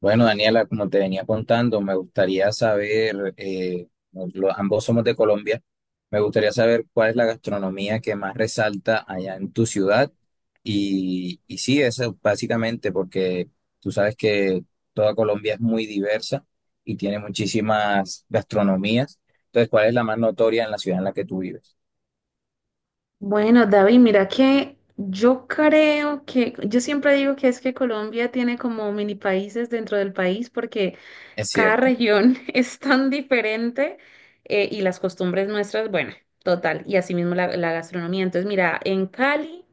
Bueno, Daniela, como te venía contando, me gustaría saber, ambos somos de Colombia, me gustaría saber cuál es la gastronomía que más resalta allá en tu ciudad. Y sí, eso básicamente porque tú sabes que toda Colombia es muy diversa y tiene muchísimas gastronomías. Entonces, ¿cuál es la más notoria en la ciudad en la que tú vives? Bueno, David, mira que yo siempre digo que es que Colombia tiene como mini países dentro del país porque Es cada cierto, región es tan diferente y las costumbres nuestras, bueno, total, y asimismo la gastronomía. Entonces, mira, en Cali.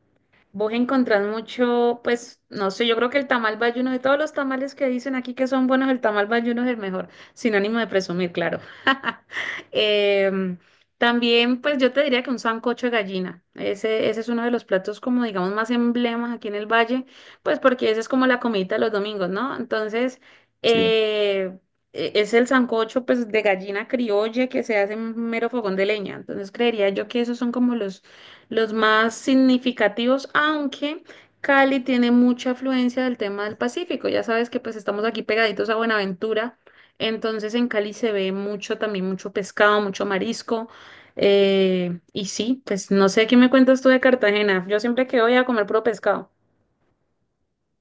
Vos encontrás mucho, pues, no sé, yo creo que el tamal bayuno, de todos los tamales que dicen aquí que son buenos, el tamal bayuno es el mejor, sin ánimo de presumir, claro. Em, También, pues, yo te diría que un sancocho de gallina, ese es uno de los platos como, digamos, más emblemas aquí en el valle, pues, porque ese es como la comidita de los domingos, ¿no? Entonces, sí. eh, es el sancocho, pues, de gallina criolla que se hace en un mero fogón de leña, entonces creería yo que esos son como los más significativos, aunque Cali tiene mucha afluencia del tema del Pacífico. Ya sabes que pues estamos aquí pegaditos a Buenaventura, entonces en Cali se ve mucho también, mucho pescado, mucho marisco. Y sí, pues no sé qué me cuentas tú de Cartagena. Yo siempre que voy a comer puro pescado.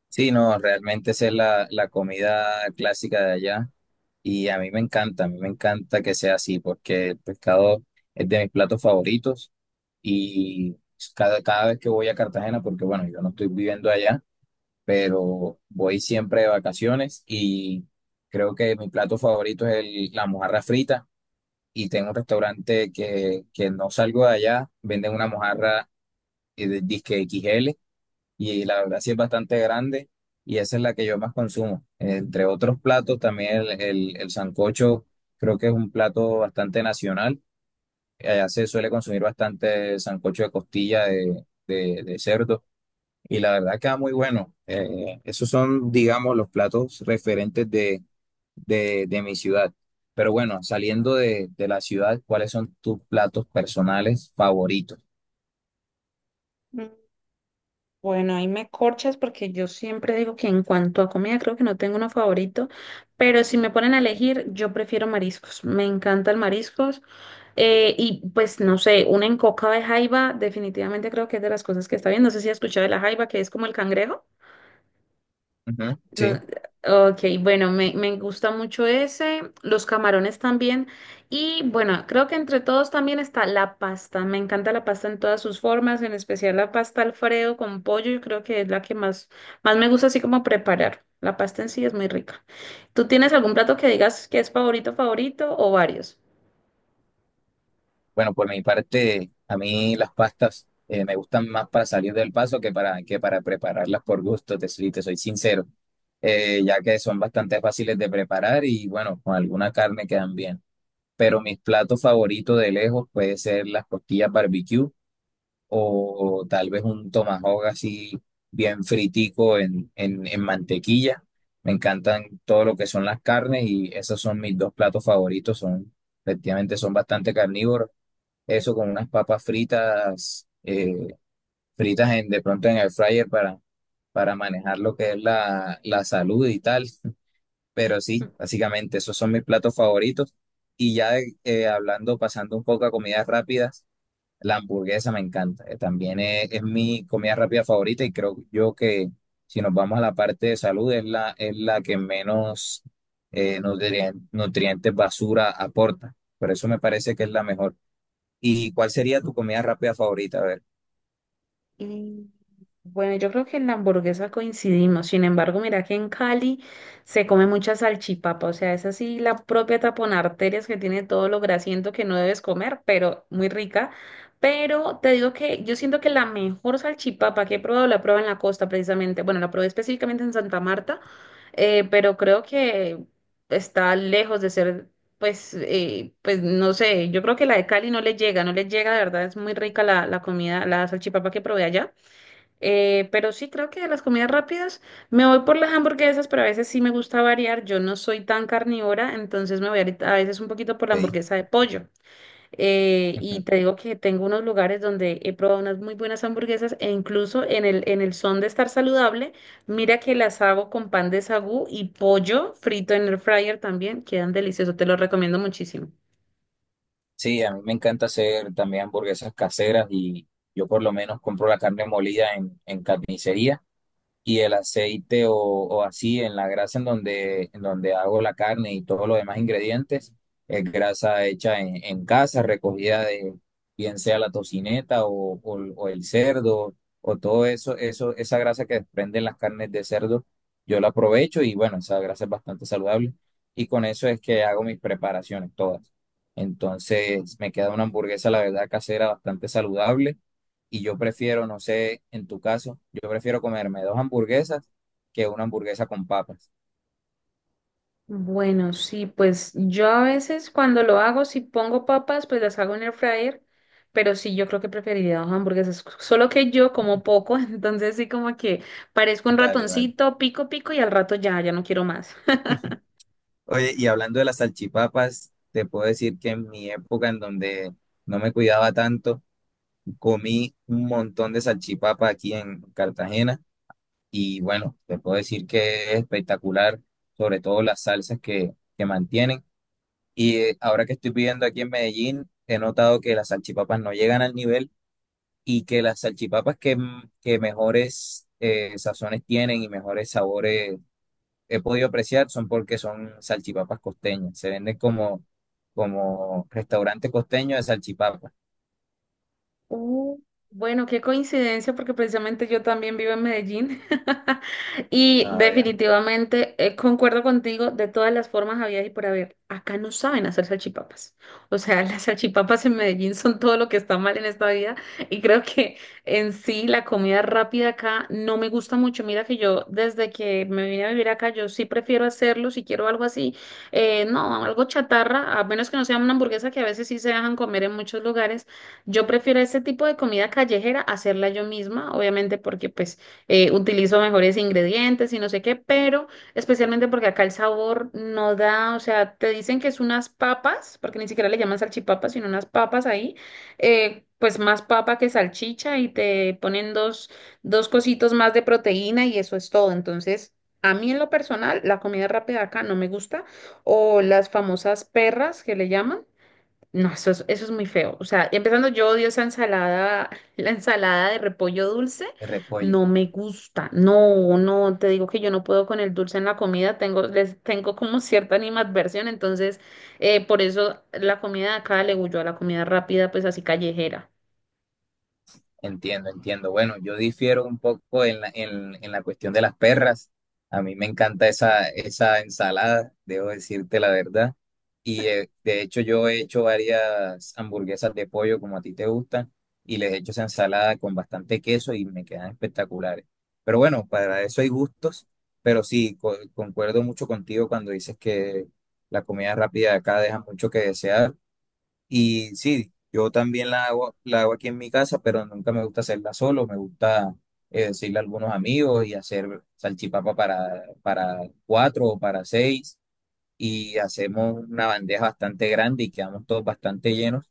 Sí, no, realmente esa es la comida clásica de allá. Y a mí me encanta, a mí me encanta que sea así, porque el pescado es de mis platos favoritos y cada vez que voy a Cartagena, porque bueno, yo no estoy viviendo allá, pero voy siempre de vacaciones y creo que mi plato favorito la mojarra frita y tengo un restaurante que no salgo de allá, venden una mojarra de disque XL y la verdad sí es bastante grande y esa es la que yo más consumo. Entre otros platos, también el sancocho creo que es un plato bastante nacional. Allá se suele consumir bastante sancocho de costilla de cerdo y la verdad queda muy bueno. Esos son, digamos, los platos referentes de mi ciudad. Pero bueno, saliendo de la ciudad, ¿cuáles son tus platos personales favoritos? Mm, Bueno, ahí me corchas porque yo siempre digo que en cuanto a comida creo que no tengo uno favorito, pero si me ponen a elegir, yo prefiero mariscos. Me encantan mariscos. Y pues no sé, una encoca de jaiba, definitivamente creo que es de las cosas que está bien. No sé si has escuchado de la jaiba, que es como el cangrejo. Ujú, No, sí. ok, bueno, me gusta mucho ese, los camarones también. Y bueno, creo que entre todos también está la pasta. Me encanta la pasta en todas sus formas, en especial la pasta Alfredo con pollo. Yo creo que es la que más me gusta así como preparar. La pasta en sí es muy rica. ¿Tú tienes algún plato que digas que es favorito, favorito o varios? Bueno, por mi parte, a mí las pastas me gustan más para salir del paso que para prepararlas por gusto, te soy sincero, ya que son bastante fáciles de preparar y bueno, con alguna carne quedan bien. Pero mis platos favoritos de lejos puede ser las costillas barbecue o, tal vez un tomahawk así bien fritico en mantequilla. Me encantan todo lo que son las carnes y esos son mis dos platos favoritos, son, efectivamente son bastante carnívoros eso con unas papas fritas, fritas en, de pronto en el fryer para manejar lo que es la salud y tal. Pero sí, básicamente esos son mis platos favoritos. Y ya hablando, pasando un poco a comidas rápidas, la hamburguesa me encanta. También es mi comida rápida favorita y creo yo que si nos vamos a la parte de salud es es la que menos nutrientes basura aporta. Por eso me parece que es la mejor. ¿Y cuál sería tu comida rápida favorita? A ver, Mm, Bueno, yo creo que en la hamburguesa coincidimos. Sin embargo, mira que en Cali se come mucha salchipapa. O sea, es así la propia tapón arterias que tiene todo lo grasiento que no debes comer, pero muy rica. Pero te digo que yo siento que la mejor salchipapa que he probado la probé en la costa precisamente. Bueno, la probé específicamente en Santa Marta, pero creo que está lejos de ser pues, pues no sé, yo creo que la de Cali no le llega, no le llega, de verdad es muy rica la comida, la salchipapa que probé allá. Pero sí creo que de las comidas rápidas me voy por las hamburguesas, pero a veces sí me gusta variar. Yo no soy tan carnívora, entonces a veces un poquito por la te di. hamburguesa de pollo. Y Ujú. te digo que tengo unos lugares donde he probado unas muy buenas hamburguesas e incluso en el son de estar saludable, mira que las hago con pan de sagú y pollo frito en el fryer también, quedan deliciosos, te lo recomiendo muchísimo. Sí, a mí me encanta hacer también hamburguesas caseras y yo por lo menos compro la carne molida en carnicería. Y el aceite o así en la grasa en donde hago la carne y todos los demás ingredientes, es grasa hecha en casa, recogida de bien sea la tocineta o el cerdo o todo eso, esa grasa que desprenden las carnes de cerdo, yo la aprovecho y bueno, esa grasa es bastante saludable y con eso es que hago mis preparaciones todas. Entonces me queda una hamburguesa, la verdad, casera bastante saludable y yo prefiero, no sé, en tu caso, yo prefiero comerme dos hamburguesas que una hamburguesa con papas. Bueno, sí, pues yo a veces cuando lo hago, si pongo papas, pues las hago en el fryer, pero sí, yo creo que preferiría dos hamburguesas, solo que yo como poco, entonces sí como que parezco un Vale, vale. ratoncito, pico, pico y al rato ya, ya no quiero más. Oye, y hablando de las salchipapas, te puedo decir que en mi época en donde no me cuidaba tanto, comí un montón de salchipapas aquí en Cartagena y bueno, te puedo decir que es espectacular, sobre todo las salsas que mantienen. Y ahora que estoy viviendo aquí en Medellín, he notado que las salchipapas no llegan al nivel. Y que las salchipapas que mejores sazones tienen y mejores sabores he podido apreciar son porque son salchipapas costeñas. Se venden como, como restaurante costeño de salchipapas, Uh, Bueno, qué coincidencia, porque precisamente yo también vivo en Medellín y ah, ya, definitivamente concuerdo contigo, de todas las formas había y por haber. Acá no saben hacer salchipapas. O sea, las salchipapas en Medellín son todo lo que está mal en esta vida y creo que en sí la comida rápida acá no me gusta mucho. Mira que yo desde que me vine a vivir acá, yo sí prefiero hacerlo si quiero algo así. No, algo chatarra, a menos que no sea una hamburguesa que a veces sí se dejan comer en muchos lugares, yo prefiero ese tipo de comida callejera hacerla yo misma, obviamente porque pues utilizo mejores ingredientes y no sé qué, pero especialmente porque acá el sabor no da, o sea, te dicen que es unas papas, porque ni siquiera le llaman salchipapas, sino unas papas ahí, pues más papa que salchicha y te ponen dos, cositos más de proteína y eso es todo. Entonces, a mí en lo personal, la comida rápida acá no me gusta, o las famosas perras que le llaman. No, eso es muy feo. O sea, empezando, yo odio esa ensalada, la ensalada de repollo dulce. de repollo. No me gusta. No, no, te digo que yo no puedo con el dulce en la comida. Les tengo como cierta animadversión. Entonces, por eso la comida de acá le huyó a la comida rápida, pues así callejera. Entiendo, entiendo. Bueno, yo difiero un poco en en la cuestión de las perras. A mí me encanta esa ensalada, debo decirte la verdad. Y de hecho yo he hecho varias hamburguesas de pollo como a ti te gustan y les he hecho esa ensalada con bastante queso y me quedan espectaculares. Pero bueno, para eso hay gustos, pero sí, concuerdo mucho contigo cuando dices que la comida rápida de acá deja mucho que desear. Y sí, yo también la hago aquí en mi casa, pero nunca me gusta hacerla solo, me gusta decirle a algunos amigos y hacer salchipapa para cuatro o para seis y hacemos una bandeja bastante grande y quedamos todos bastante llenos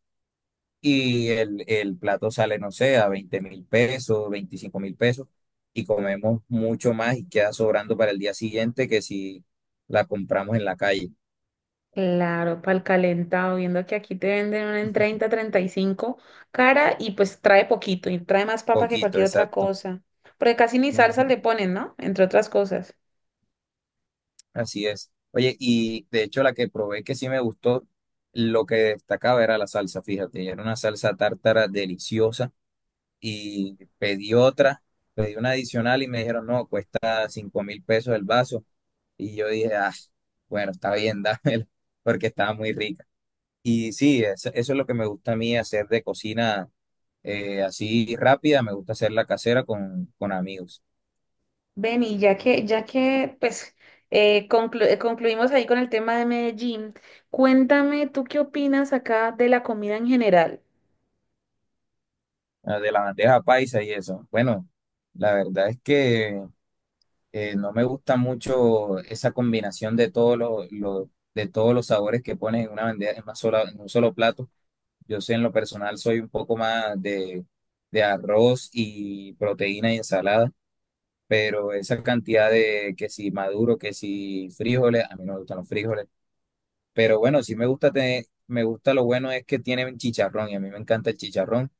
y el plato sale, no sé, a 20.000 pesos, 25.000 pesos y comemos mucho más y queda sobrando para el día siguiente que si la compramos en la calle, Claro, para el calentado, viendo que aquí te venden una en 30, 35, cara y pues trae poquito y trae más papa que poquito, cualquier otra exacto. cosa. Porque casi ni salsa Ujú. le ponen, ¿no? Entre otras cosas. Así es. Oye, y de hecho la que probé que sí me gustó, lo que destacaba era la salsa, fíjate, era una salsa tártara deliciosa y pedí otra, pedí una adicional y me dijeron, no, cuesta 5.000 pesos el vaso. Y yo dije, ah, bueno, está bien, dámelo, porque estaba muy rica. Y sí, eso es lo que me gusta a mí hacer de cocina así rápida, me gusta hacerla casera con amigos. Benny, ya que pues concluimos ahí con el tema de Medellín, cuéntame tú qué opinas acá de la comida en general. Ah, de la bandeja paisa y eso. Bueno. La verdad es que no me gusta mucho esa combinación de todos de todos los sabores que ponen en una bandeja, en una sola, en un solo plato. Yo sé, en lo personal, soy un poco más de arroz y proteína y ensalada, pero esa cantidad de que si maduro, que si frijoles, a mí no me gustan los frijoles. Pero bueno, sí me gusta tener, me gusta lo bueno es que tienen chicharrón y a mí me encanta el chicharrón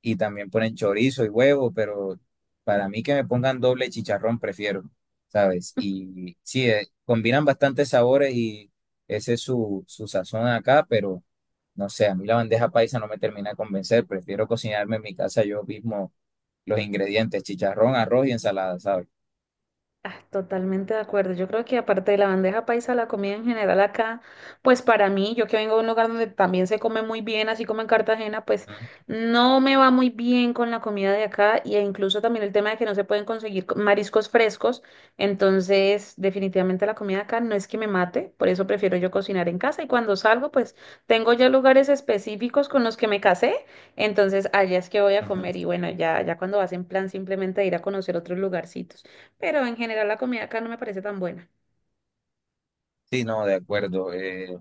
y también ponen chorizo y huevo, pero para mí que me pongan doble chicharrón prefiero, ¿sabes? Y sí, combinan bastantes sabores y ese es su, su sazón acá, pero no sé, a mí la bandeja paisa no me termina de convencer, prefiero cocinarme en mi casa yo mismo los ingredientes, chicharrón, arroz y ensalada, ¿sabes? Ah, totalmente de acuerdo. Yo creo que aparte de la bandeja paisa, la comida en general acá, pues para mí, yo que vengo de un lugar donde también se come muy bien, así como en Cartagena, pues Mm, no me va muy bien con la comida de acá e incluso también el tema de que no se pueden conseguir mariscos frescos. Entonces, definitivamente la comida acá no es que me mate, por eso prefiero yo cocinar en casa y cuando salgo, pues tengo ya lugares específicos con los que me casé, entonces allá es que voy a ujú. comer y bueno, ya, ya cuando vas en plan simplemente de ir a conocer otros lugarcitos, pero en general la comida acá no me parece tan buena. Sí, no, de acuerdo.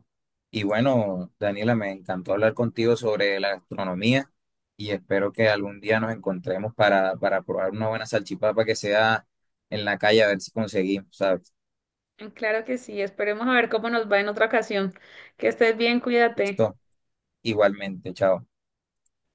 Y bueno, Daniela, me encantó hablar contigo sobre la gastronomía y espero que algún día nos encontremos para probar una buena salchipapa que sea en la calle, a ver si conseguimos, ¿sabes? Claro que sí, esperemos a ver cómo nos va en otra ocasión. Que estés bien, cuídate. Listo, igualmente, chao.